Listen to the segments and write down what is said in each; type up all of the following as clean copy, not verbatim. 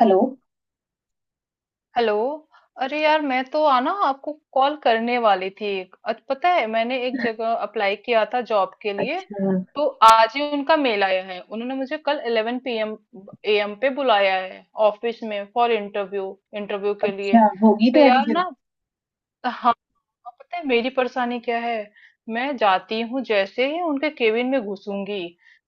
Hello. Hello. अरे यार मैं तो आना आपको कॉल करने वाली थी। पता है मैंने एक जगह अप्लाई किया था जॉब के लिए। अच्छा। तो आज ही उनका मेल आया है, उन्होंने मुझे कल 11 पीएम एएम पे बुलाया है ऑफिस में फॉर इंटरव्यू, इंटरव्यू के लिए। अच्छा होगी तो तैयारी यार फिर। ना। हाँ, और पता है मेरी परेशानी क्या है। मैं जाती हूँ जैसे ही उनके केबिन में घुसूंगी,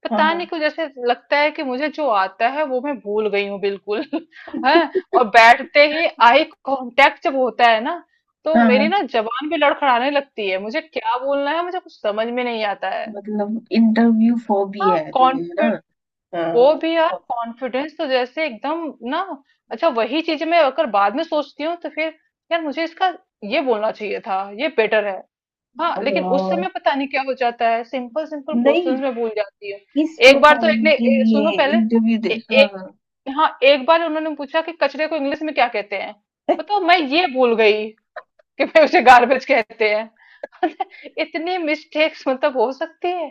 पता हाँ। नहीं क्यों जैसे लगता है कि मुझे जो आता है वो मैं भूल गई हूँ बिल्कुल। है। और बैठते ही आई कांटेक्ट जब होता है ना, तो मेरी हाँ ना जबान भी लड़खड़ाने लगती है, मुझे क्या बोलना है मुझे कुछ समझ में नहीं आता है। मतलब इंटरव्यू हाँ, फोबिया है तुम्हें, है ना? कॉन्फिड वो हाँ। भी यार कॉन्फिडेंस तो जैसे एकदम ना। अच्छा, वही चीज मैं अगर बाद में सोचती हूँ तो फिर यार मुझे इसका ये बोलना चाहिए था, ये बेटर है। हाँ लेकिन उस समय हाँ पता नहीं क्या हो जाता है, सिंपल सिंपल नहीं, क्वेश्चंस में भूल जाती हूँ। किस एक बार तो प्रोफाइल एक ने के लिए सुनो पहले। इंटरव्यू दे? हाँ। एक, हाँ, एक बार उन्होंने पूछा कि कचरे को इंग्लिश में क्या कहते हैं। बताओ, मैं ये भूल गई कि मैं उसे गार्बेज कहते हैं। इतनी मिस्टेक्स मतलब हो सकती है।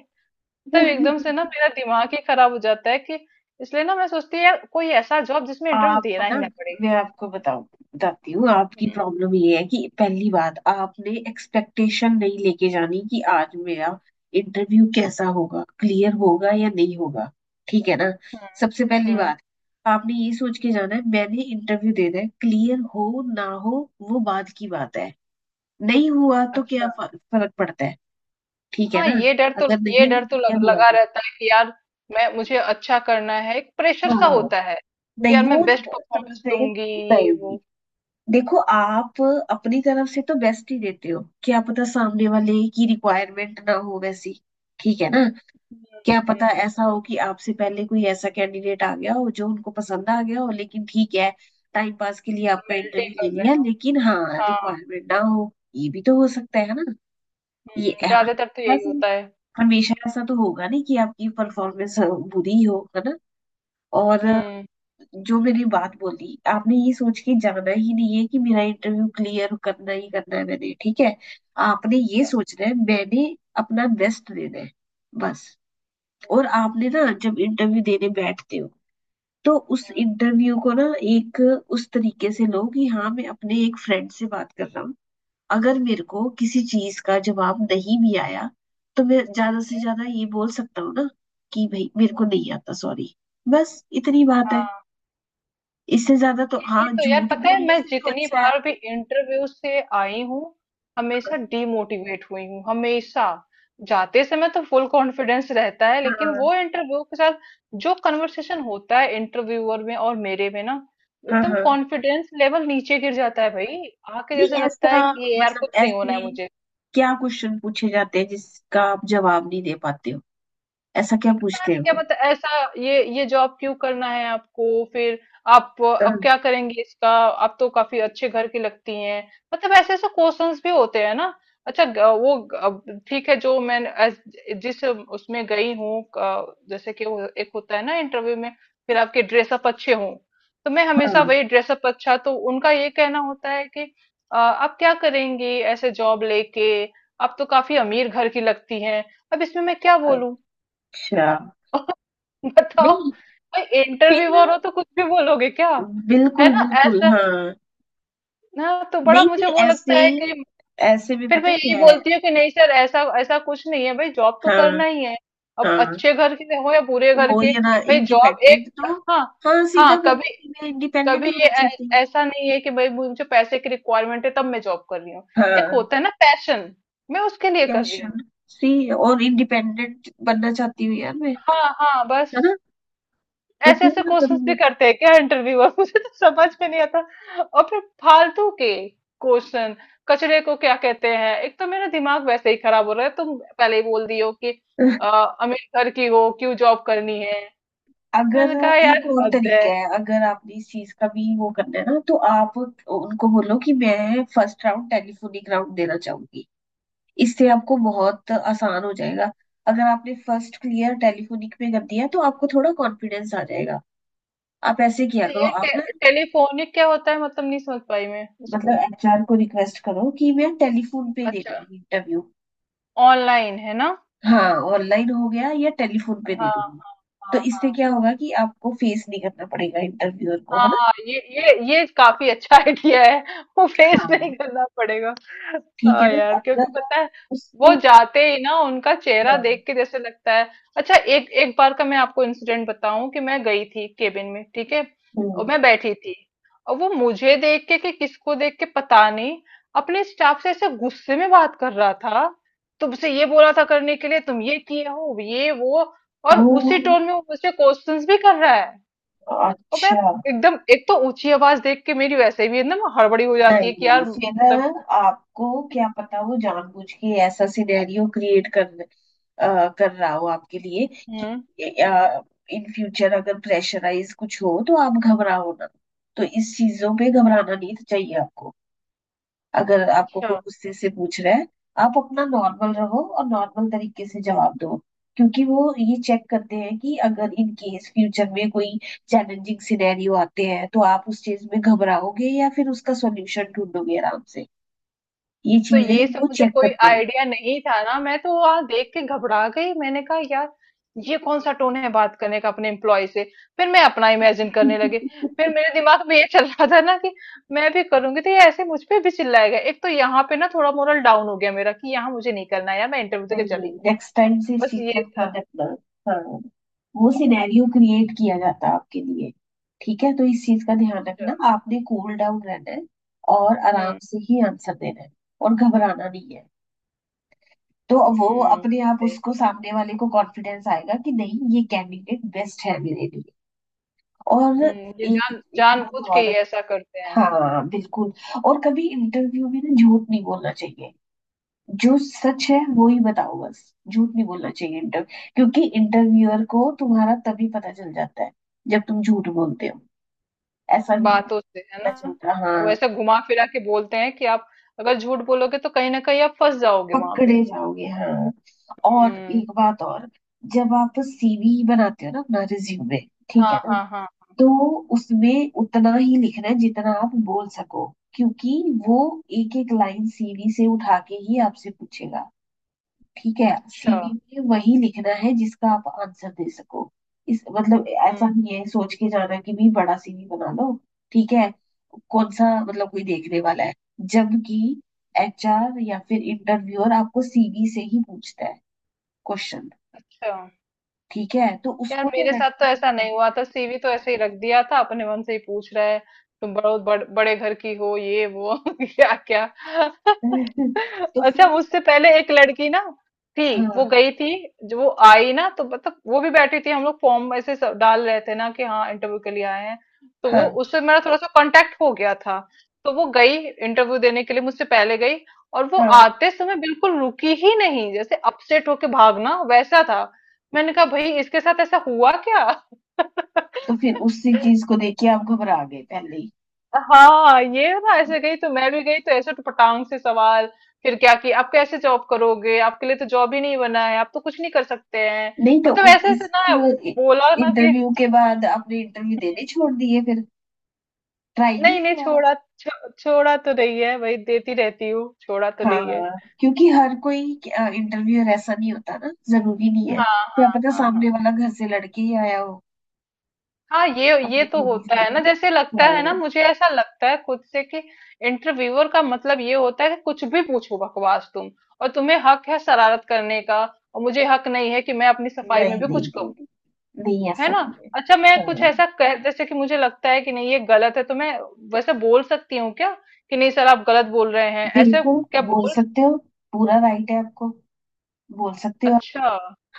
मतलब हाँ। एकदम से ना मेरा दिमाग ही खराब हो जाता है कि। इसलिए ना मैं सोचती हूँ यार कोई ऐसा जॉब जिसमें इंटरव्यू आप देना ही ना, ना पड़े। मैं आपको बताऊं, बताती हूँ आपकी हम्म। प्रॉब्लम ये है कि पहली बात आपने एक्सपेक्टेशन नहीं लेके जानी कि आज मेरा इंटरव्यू कैसा होगा, क्लियर होगा या नहीं होगा। ठीक है ना। हम्म। सबसे पहली हम्म। बात, आपने ये सोच के जाना है मैंने इंटरव्यू देना है, क्लियर हो ना हो वो बाद की बात है। नहीं हुआ तो अच्छा। क्या फर्क पड़ता है। ठीक है हाँ ना। ये डर तो, अगर ये नहीं डर भी तो क्लियर हुआ लगा तो। रहता है कि यार मैं मुझे अच्छा करना है, एक प्रेशर सा हाँ। होता है कि नहीं यार वो मैं बेस्ट परफॉर्मेंस सबसे दूंगी, ये नहीं, वो। देखो आप अपनी तरफ से तो बेस्ट ही देते हो, क्या पता सामने वाले की रिक्वायरमेंट ना हो वैसी। ठीक है ना। हम्म। क्या पता ऐसा हम्म। हो कि आपसे पहले कोई ऐसा कैंडिडेट आ गया हो जो उनको पसंद आ गया हो, लेकिन ठीक है, टाइम पास के लिए आपका फॉर्मेलिटी इंटरव्यू कर ले लिया रहे हो। लेकिन हाँ हाँ। रिक्वायरमेंट ना हो, ये भी तो हो सकता है ना। ये हम्म, हाँ, ज्यादातर तो यही बस। होता है। हमेशा ऐसा तो होगा नहीं कि आपकी परफॉर्मेंस बुरी हो, है ना। और हम्म। जो मैंने बात बोली, आपने ये सोच के जाना ही नहीं है कि मेरा इंटरव्यू क्लियर करना ही करना है मैंने। ठीक है। आपने ये हाँ। सोचना है मैंने अपना बेस्ट देना है, बस। और आपने ना जब इंटरव्यू देने बैठते हो तो उस इंटरव्यू को ना, एक उस तरीके से लो कि हाँ मैं अपने एक फ्रेंड से बात कर रहा हूँ। अगर मेरे को किसी चीज का जवाब नहीं भी आया तो मैं ठीक। ज्यादा से ज्यादा ये बोल सकता हूँ ना कि भाई मेरे को नहीं आता, सॉरी। बस इतनी बात है। हाँ, इससे ज्यादा तो ये हाँ, तो यार झूठ पता है बोलने मैं से तो जितनी अच्छा है। बार भी इंटरव्यू से आई हूँ हमेशा डीमोटिवेट हुई हूँ, हमेशा। जाते समय तो फुल कॉन्फिडेंस रहता है, लेकिन हाँ। वो इंटरव्यू के साथ जो कन्वर्सेशन होता है इंटरव्यूअर में और मेरे में ना हाँ। एकदम हाँ कॉन्फिडेंस लेवल नीचे गिर जाता है भाई। आके जैसे नहीं लगता ऐसा, है कि ये यार मतलब कुछ नहीं होना ऐसे है मुझे। क्या क्वेश्चन पूछे जाते हैं जिसका आप जवाब नहीं दे पाते हो? ऐसा क्या पता पूछते हैं नहीं क्या, वो? मतलब ऐसा ये जॉब क्यों करना है आपको, फिर आप अ, आप क्या करेंगे इसका, आप तो काफी अच्छे घर की लगती हैं। मतलब ऐसे ऐसे क्वेश्चंस भी होते हैं ना। अच्छा, वो ठीक है, जो मैं जिस उसमें गई हूँ, जैसे कि वो एक होता है ना इंटरव्यू में, फिर आपके ड्रेसअप अच्छे हों, तो मैं हमेशा हाँ। वही ड्रेसअप अच्छा, तो उनका ये कहना होता है कि आप क्या करेंगी ऐसे जॉब लेके, आप तो काफी अमीर घर की लगती हैं। अब इसमें मैं क्या बोलूं। अच्छा। बताओ, नहीं भाई फिर, इंटरव्यूअर हो तो कुछ भी बोलोगे क्या। है बिल्कुल ना बिल्कुल। ऐसा। हाँ ना तो बड़ा नहीं मुझे फिर वो ऐसे, लगता है कि ऐसे भी फिर मैं पता यही क्या है। बोलती हूँ कि नहीं सर, ऐसा ऐसा कुछ नहीं है, भाई जॉब तो हाँ करना ही है, अब हाँ, अच्छे घर के हो या बुरे घर वो के, ये ना भाई जॉब इंडिपेंडेंट एक। तो। हाँ। हाँ सीधा हाँ, बोलो कभी कि मैं इंडिपेंडेंट कभी ये होना चाहती हूँ। ऐसा नहीं है कि भाई मुझे पैसे की रिक्वायरमेंट है तब मैं जॉब कर रही हूँ। एक हाँ होता है ना पैशन, मैं उसके लिए कर रही हूँ। पैशन सी और इंडिपेंडेंट बनना चाहती हूँ यार मैं, हाँ हाँ बस। है ना? तो ऐसे क्यों ऐसे ना करूँ क्वेश्चंस भी मैं? करते हैं क्या इंटरव्यूअर। मुझे तो समझ में नहीं आता। और फिर फालतू के क्वेश्चन, कचरे को क्या कहते हैं, एक तो मेरा दिमाग वैसे ही खराब हो रहा है तुम पहले ही बोल दियो कि अ, अमेरिका की हो क्यों जॉब करनी है। अगर मैंने कहा एक यार और हद है। तरीका है, अगर आपने इस चीज का भी वो करना है ना तो आप उनको बोलो कि मैं फर्स्ट राउंड टेलीफोनिक राउंड देना चाहूंगी। इससे आपको बहुत आसान हो जाएगा। अगर आपने फर्स्ट क्लियर टेलीफोनिक में कर दिया तो आपको थोड़ा कॉन्फिडेंस आ जाएगा। आप ऐसे किया अच्छा करो ये आप ना। टेलीफोनिक क्या होता है, मतलब नहीं समझ पाई मैं उसको। मतलब एचआर को रिक्वेस्ट करो कि मैं टेलीफोन पे दे अच्छा, दूंगी इंटरव्यू। ऑनलाइन है ना। हाँ ऑनलाइन हो गया या टेलीफोन पे दे हाँ दूंगी। हाँ। तो हाँ इससे हाँ। क्या होगा कि आपको फेस नहीं करना पड़ेगा इंटरव्यूअर को, है ना। हाँ, ये काफी अच्छा आइडिया है, वो फेस हाँ। नहीं करना पड़ेगा। ठीक है हाँ ना, यार, क्योंकि अगर आप पता है वो उससे। जाते ही ना उनका चेहरा देख के जैसे लगता है। अच्छा, एक एक बार का मैं आपको इंसिडेंट बताऊं कि मैं गई थी केबिन में, ठीक है, और हम्म। मैं बैठी थी और वो मुझे देख के, कि किसको देख के पता नहीं, अपने स्टाफ से ऐसे गुस्से में बात कर रहा था। तुमसे ये बोला था करने के लिए, तुम ये किए हो, ये वो। और ओ, उसी टोन में वो मुझसे क्वेश्चंस भी कर रहा है, और मैं अच्छा। एकदम, एक तो ऊंची आवाज देख के मेरी वैसे भी एकदम हड़बड़ी हो जाती है कि नहीं यार फिर ना, मतलब। आपको क्या पता वो जानबूझ के ऐसा सिनेरियो क्रिएट कर रहा हो आपके लिए हम्म। कि हम्म। इन फ्यूचर अगर प्रेशराइज कुछ हो तो आप घबराओ ना। तो इस चीजों पे घबराना नहीं चाहिए आपको। अगर आपको कोई अच्छा। गुस्से से पूछ रहा है, आप अपना नॉर्मल रहो और नॉर्मल तरीके से जवाब दो। क्योंकि वो ये चेक करते हैं कि अगर इन केस फ्यूचर में कोई चैलेंजिंग सिनेरियो आते हैं तो आप उस चीज में घबराओगे या फिर उसका सॉल्यूशन ढूंढोगे आराम से। ये तो ये चीजें सब वो मुझे चेक कोई करते हैं। आइडिया नहीं था ना, मैं तो वहां देख के घबरा गई। मैंने कहा यार ये कौन सा टोन है बात करने का अपने एम्प्लॉय से। फिर मैं अपना इमेजिन करने लगी, फिर मेरे दिमाग में ये चल रहा था ना कि मैं भी करूंगी तो ये ऐसे मुझ पे भी चिल्लाएगा। एक तो यहाँ पे ना थोड़ा मोरल डाउन हो गया मेरा कि यहाँ मुझे नहीं करना है यार, मैं इंटरव्यू देके नहीं नहीं, चली हूँ, नेक्स्ट टाइम से इस बस चीज का ये था। ध्यान रखना। हाँ वो अच्छा। सिनेरियो क्रिएट किया जाता है आपके लिए। ठीक है, तो इस चीज का ध्यान रखना, आपने कूल डाउन रहना है और आराम हम्म। से ही आंसर देना है और घबराना नहीं है। तो वो हम्म। अपने आप उसको सामने वाले को कॉन्फिडेंस आएगा कि नहीं ये कैंडिडेट बेस्ट है मेरे लिए। और ये एक एक बात जानबूझ के और। ये ऐसा करते हैं। हाँ बिल्कुल। और कभी इंटरव्यू में ना झूठ नहीं बोलना चाहिए। जो सच है वो ही बताओ, बस। झूठ नहीं बोलना चाहिए इंटरव्यू, क्योंकि इंटरव्यूअर को तुम्हारा तभी पता चल जाता है जब तुम झूठ बोलते हो। ऐसा नहीं है बातों से कि है पता ना। चलता। वो हाँ ऐसे घुमा फिरा के बोलते हैं कि आप अगर झूठ बोलोगे तो कहीं ना कहीं आप फंस जाओगे वहां पे। पकड़े जाओगे। हाँ और हम्म। एक बात और, जब आप सीवी बनाते हो ना अपना रिज्यूमे, ठीक है हाँ ना, हाँ हाँ। तो हाँ, उसमें उतना ही लिखना है जितना आप बोल सको। क्योंकि वो एक एक लाइन सीवी से उठा के ही आपसे पूछेगा। ठीक है, अच्छा। सीवी में वही लिखना है जिसका आप आंसर दे सको। इस मतलब हम्म। ऐसा नहीं है सोच के जाना कि भी बड़ा सीवी बना लो। ठीक है, कौन सा मतलब कोई देखने वाला है। जबकि एचआर या फिर इंटरव्यूअर आपको सीवी से ही पूछता है क्वेश्चन। अच्छा। ठीक है, तो यार उसको तो मेरे रट साथ तो ऐसा के। नहीं हुआ था, सीवी तो ऐसे ही रख दिया था, अपने मन से ही पूछ रहा है, तुम बड़ो बड़े घर की हो, ये वो क्या क्या तो अच्छा, फिर। उससे पहले एक लड़की ना थी, वो हाँ गई थी। जो वो आई ना, तो मतलब वो भी बैठी थी, हम लोग फॉर्म ऐसे सब डाल रहे थे ना कि हाँ इंटरव्यू के लिए आए हैं, तो वो हाँ उससे मेरा थोड़ा सा कांटेक्ट हो गया था। तो वो गई इंटरव्यू देने के लिए, मुझसे पहले गई, और वो हाँ आते समय बिल्कुल रुकी ही नहीं, जैसे अपसेट होके भागना वैसा था। मैंने कहा भाई इसके साथ ऐसा हुआ क्या। तो फिर उसी चीज को देख के आप घबरा गए पहले ही। हाँ, ये ना ऐसे गई तो मैं भी गई, तो ऐसे टपटांग से सवाल। फिर क्या कि आप कैसे जॉब करोगे, आपके लिए तो जॉब ही नहीं बना है, आप तो कुछ नहीं कर सकते हैं। नहीं तो मतलब उस ऐसे ऐसे इस ना बोला ना कि। इंटरव्यू के बाद आपने इंटरव्यू देने छोड़ दिए फिर? ट्राई नहीं नहीं नहीं, किया? छोड़ा छोड़ा तो नहीं है भाई, देती रहती हूँ, छोड़ा तो हाँ नहीं है। क्योंकि हर कोई इंटरव्यूअर ऐसा नहीं होता ना, जरूरी नहीं है, हाँ क्या हाँ पता हाँ। हाँ। सामने वाला घर से लड़के ही आया हो हाँ ये अपनी तो बीवी से, होता है है ना? ना, जैसे लगता है ना, हाँ। मुझे ऐसा लगता है खुद से कि इंटरव्यूअर का मतलब ये होता है कि कुछ भी पूछो बकवास तुम, और तुम्हें हक है शरारत करने का, और मुझे हक नहीं है कि मैं अपनी नहीं सफाई में नहीं भी कुछ नहीं। कहूँ, नहीं नहीं, है ऐसा ना। नहीं है। अच्छा, मैं कुछ हाँ ऐसा कह, जैसे कि मुझे लगता है कि नहीं ये गलत है, तो मैं वैसे बोल सकती हूँ क्या कि नहीं सर आप गलत बोल रहे हैं, ऐसे बिल्कुल क्या बोल बोल। सकते हो। पूरा राइट है आपको। बोल सकते हो आप। अच्छा।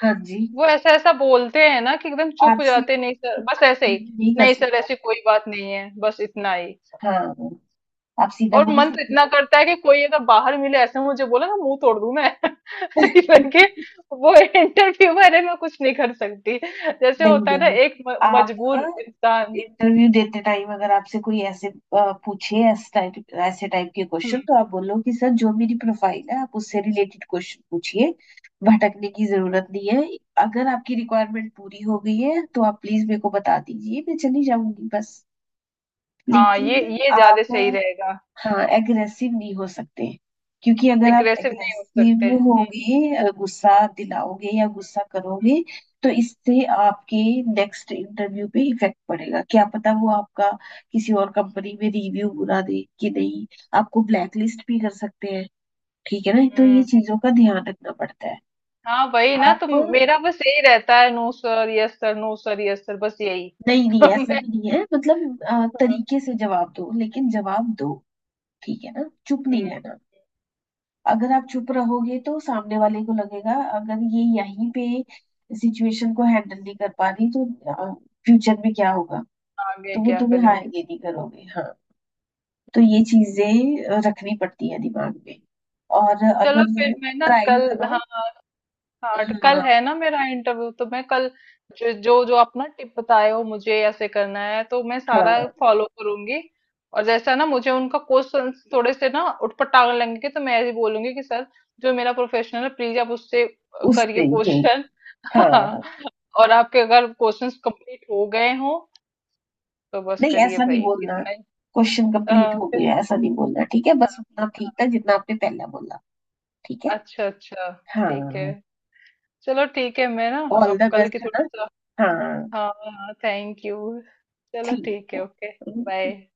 हाँ जी। वो ऐसा ऐसा बोलते हैं ना कि एकदम चुप हो आपसे जाते हैं, नहीं सर कोई बस ऐसे ही, नहीं कर नहीं सर सकता। ऐसी कोई बात नहीं है, बस इतना ही। हाँ आप सीधा और बोल मन तो सकते इतना करता है कि कोई अगर बाहर मिले ऐसे मुझे बोले ना, मुंह तोड़ दूं मैं। हो। लेकिन वो इंटरव्यू वाले में कुछ नहीं कर सकती, जैसे नहीं होता है ना नहीं, एक मजबूर आप इंसान। इंटरव्यू देते टाइम अगर आपसे कोई ऐसे पूछे ऐसे टाइप के हम्म। क्वेश्चन, तो आप बोलो कि सर जो मेरी प्रोफाइल है आप उससे रिलेटेड क्वेश्चन पूछिए। भटकने की जरूरत नहीं है। अगर आपकी रिक्वायरमेंट पूरी हो गई है तो आप प्लीज मेरे को बता दीजिए, मैं चली जाऊंगी, बस। हाँ लेकिन ये ज्यादा आप सही रहेगा। हाँ एग्रेसिव नहीं हो सकते। क्योंकि अगर आप एग्रेसिव नहीं हो सकते। एग्रेसिव हम्म। होगे गुस्सा दिलाओगे या गुस्सा करोगे तो इससे आपके नेक्स्ट इंटरव्यू पे इफेक्ट पड़ेगा, क्या पता वो आपका किसी और कंपनी में रिव्यू बुरा दे कि नहीं। आपको ब्लैकलिस्ट भी कर सकते हैं। ठीक है ना, तो हम्म। ये हम्म। चीजों का ध्यान रखना पड़ता है। हाँ वही ना, तो आप मेरा बस यही रहता है, no sir, yes sir, no sir, yes sir, बस यही। नहीं नहीं, ऐसा मैं। भी नहीं है, मतलब हम्म। तरीके से जवाब दो लेकिन जवाब दो। ठीक है ना, चुप नहीं हम्म। रहना। अगर आप चुप रहोगे तो सामने वाले को लगेगा अगर ये यहीं पे सिचुएशन को हैंडल नहीं कर पा रही तो फ्यूचर में क्या होगा। आगे तो वो क्या तुम्हें हाँ, करेंगे। ये नहीं करोगे। हाँ तो ये चीजें रखनी पड़ती है दिमाग में। और चलो अगर फिर मैं ना ट्राई कल। हाँ। करो। हाँ तो कल हाँ। है ना मेरा इंटरव्यू, तो मैं कल जो जो आप ना टिप बताए हो, मुझे ऐसे करना है तो मैं सारा हाँ फॉलो करूंगी। और जैसा ना मुझे उनका क्वेश्चन थोड़े से ना उटपटांग लगेंगे तो मैं ऐसे बोलूंगी कि सर जो मेरा प्रोफेशनल है प्लीज आप उससे करिए उससे यही। क्वेश्चन। हाँ। हाँ और आपके अगर क्वेश्चंस कंप्लीट हो गए हो तो बस नहीं, करिए ऐसा नहीं भाई, बोलना। इतना ही। क्वेश्चन कंप्लीट हाँ, हो फिर-। गया ऐसा नहीं बोलना। ठीक है, हाँ। बस उतना ठीक हाँ। था जितना आपने पहले बोला। ठीक है। अच्छा अच्छा। ठीक है। हाँ चलो ठीक है, मैं ना ऑल द अब कल की बेस्ट, है थोड़ा ना। सा। हाँ। हाँ, थैंक यू। चलो ठीक ठीक है। है, ओके। ओके। बाय।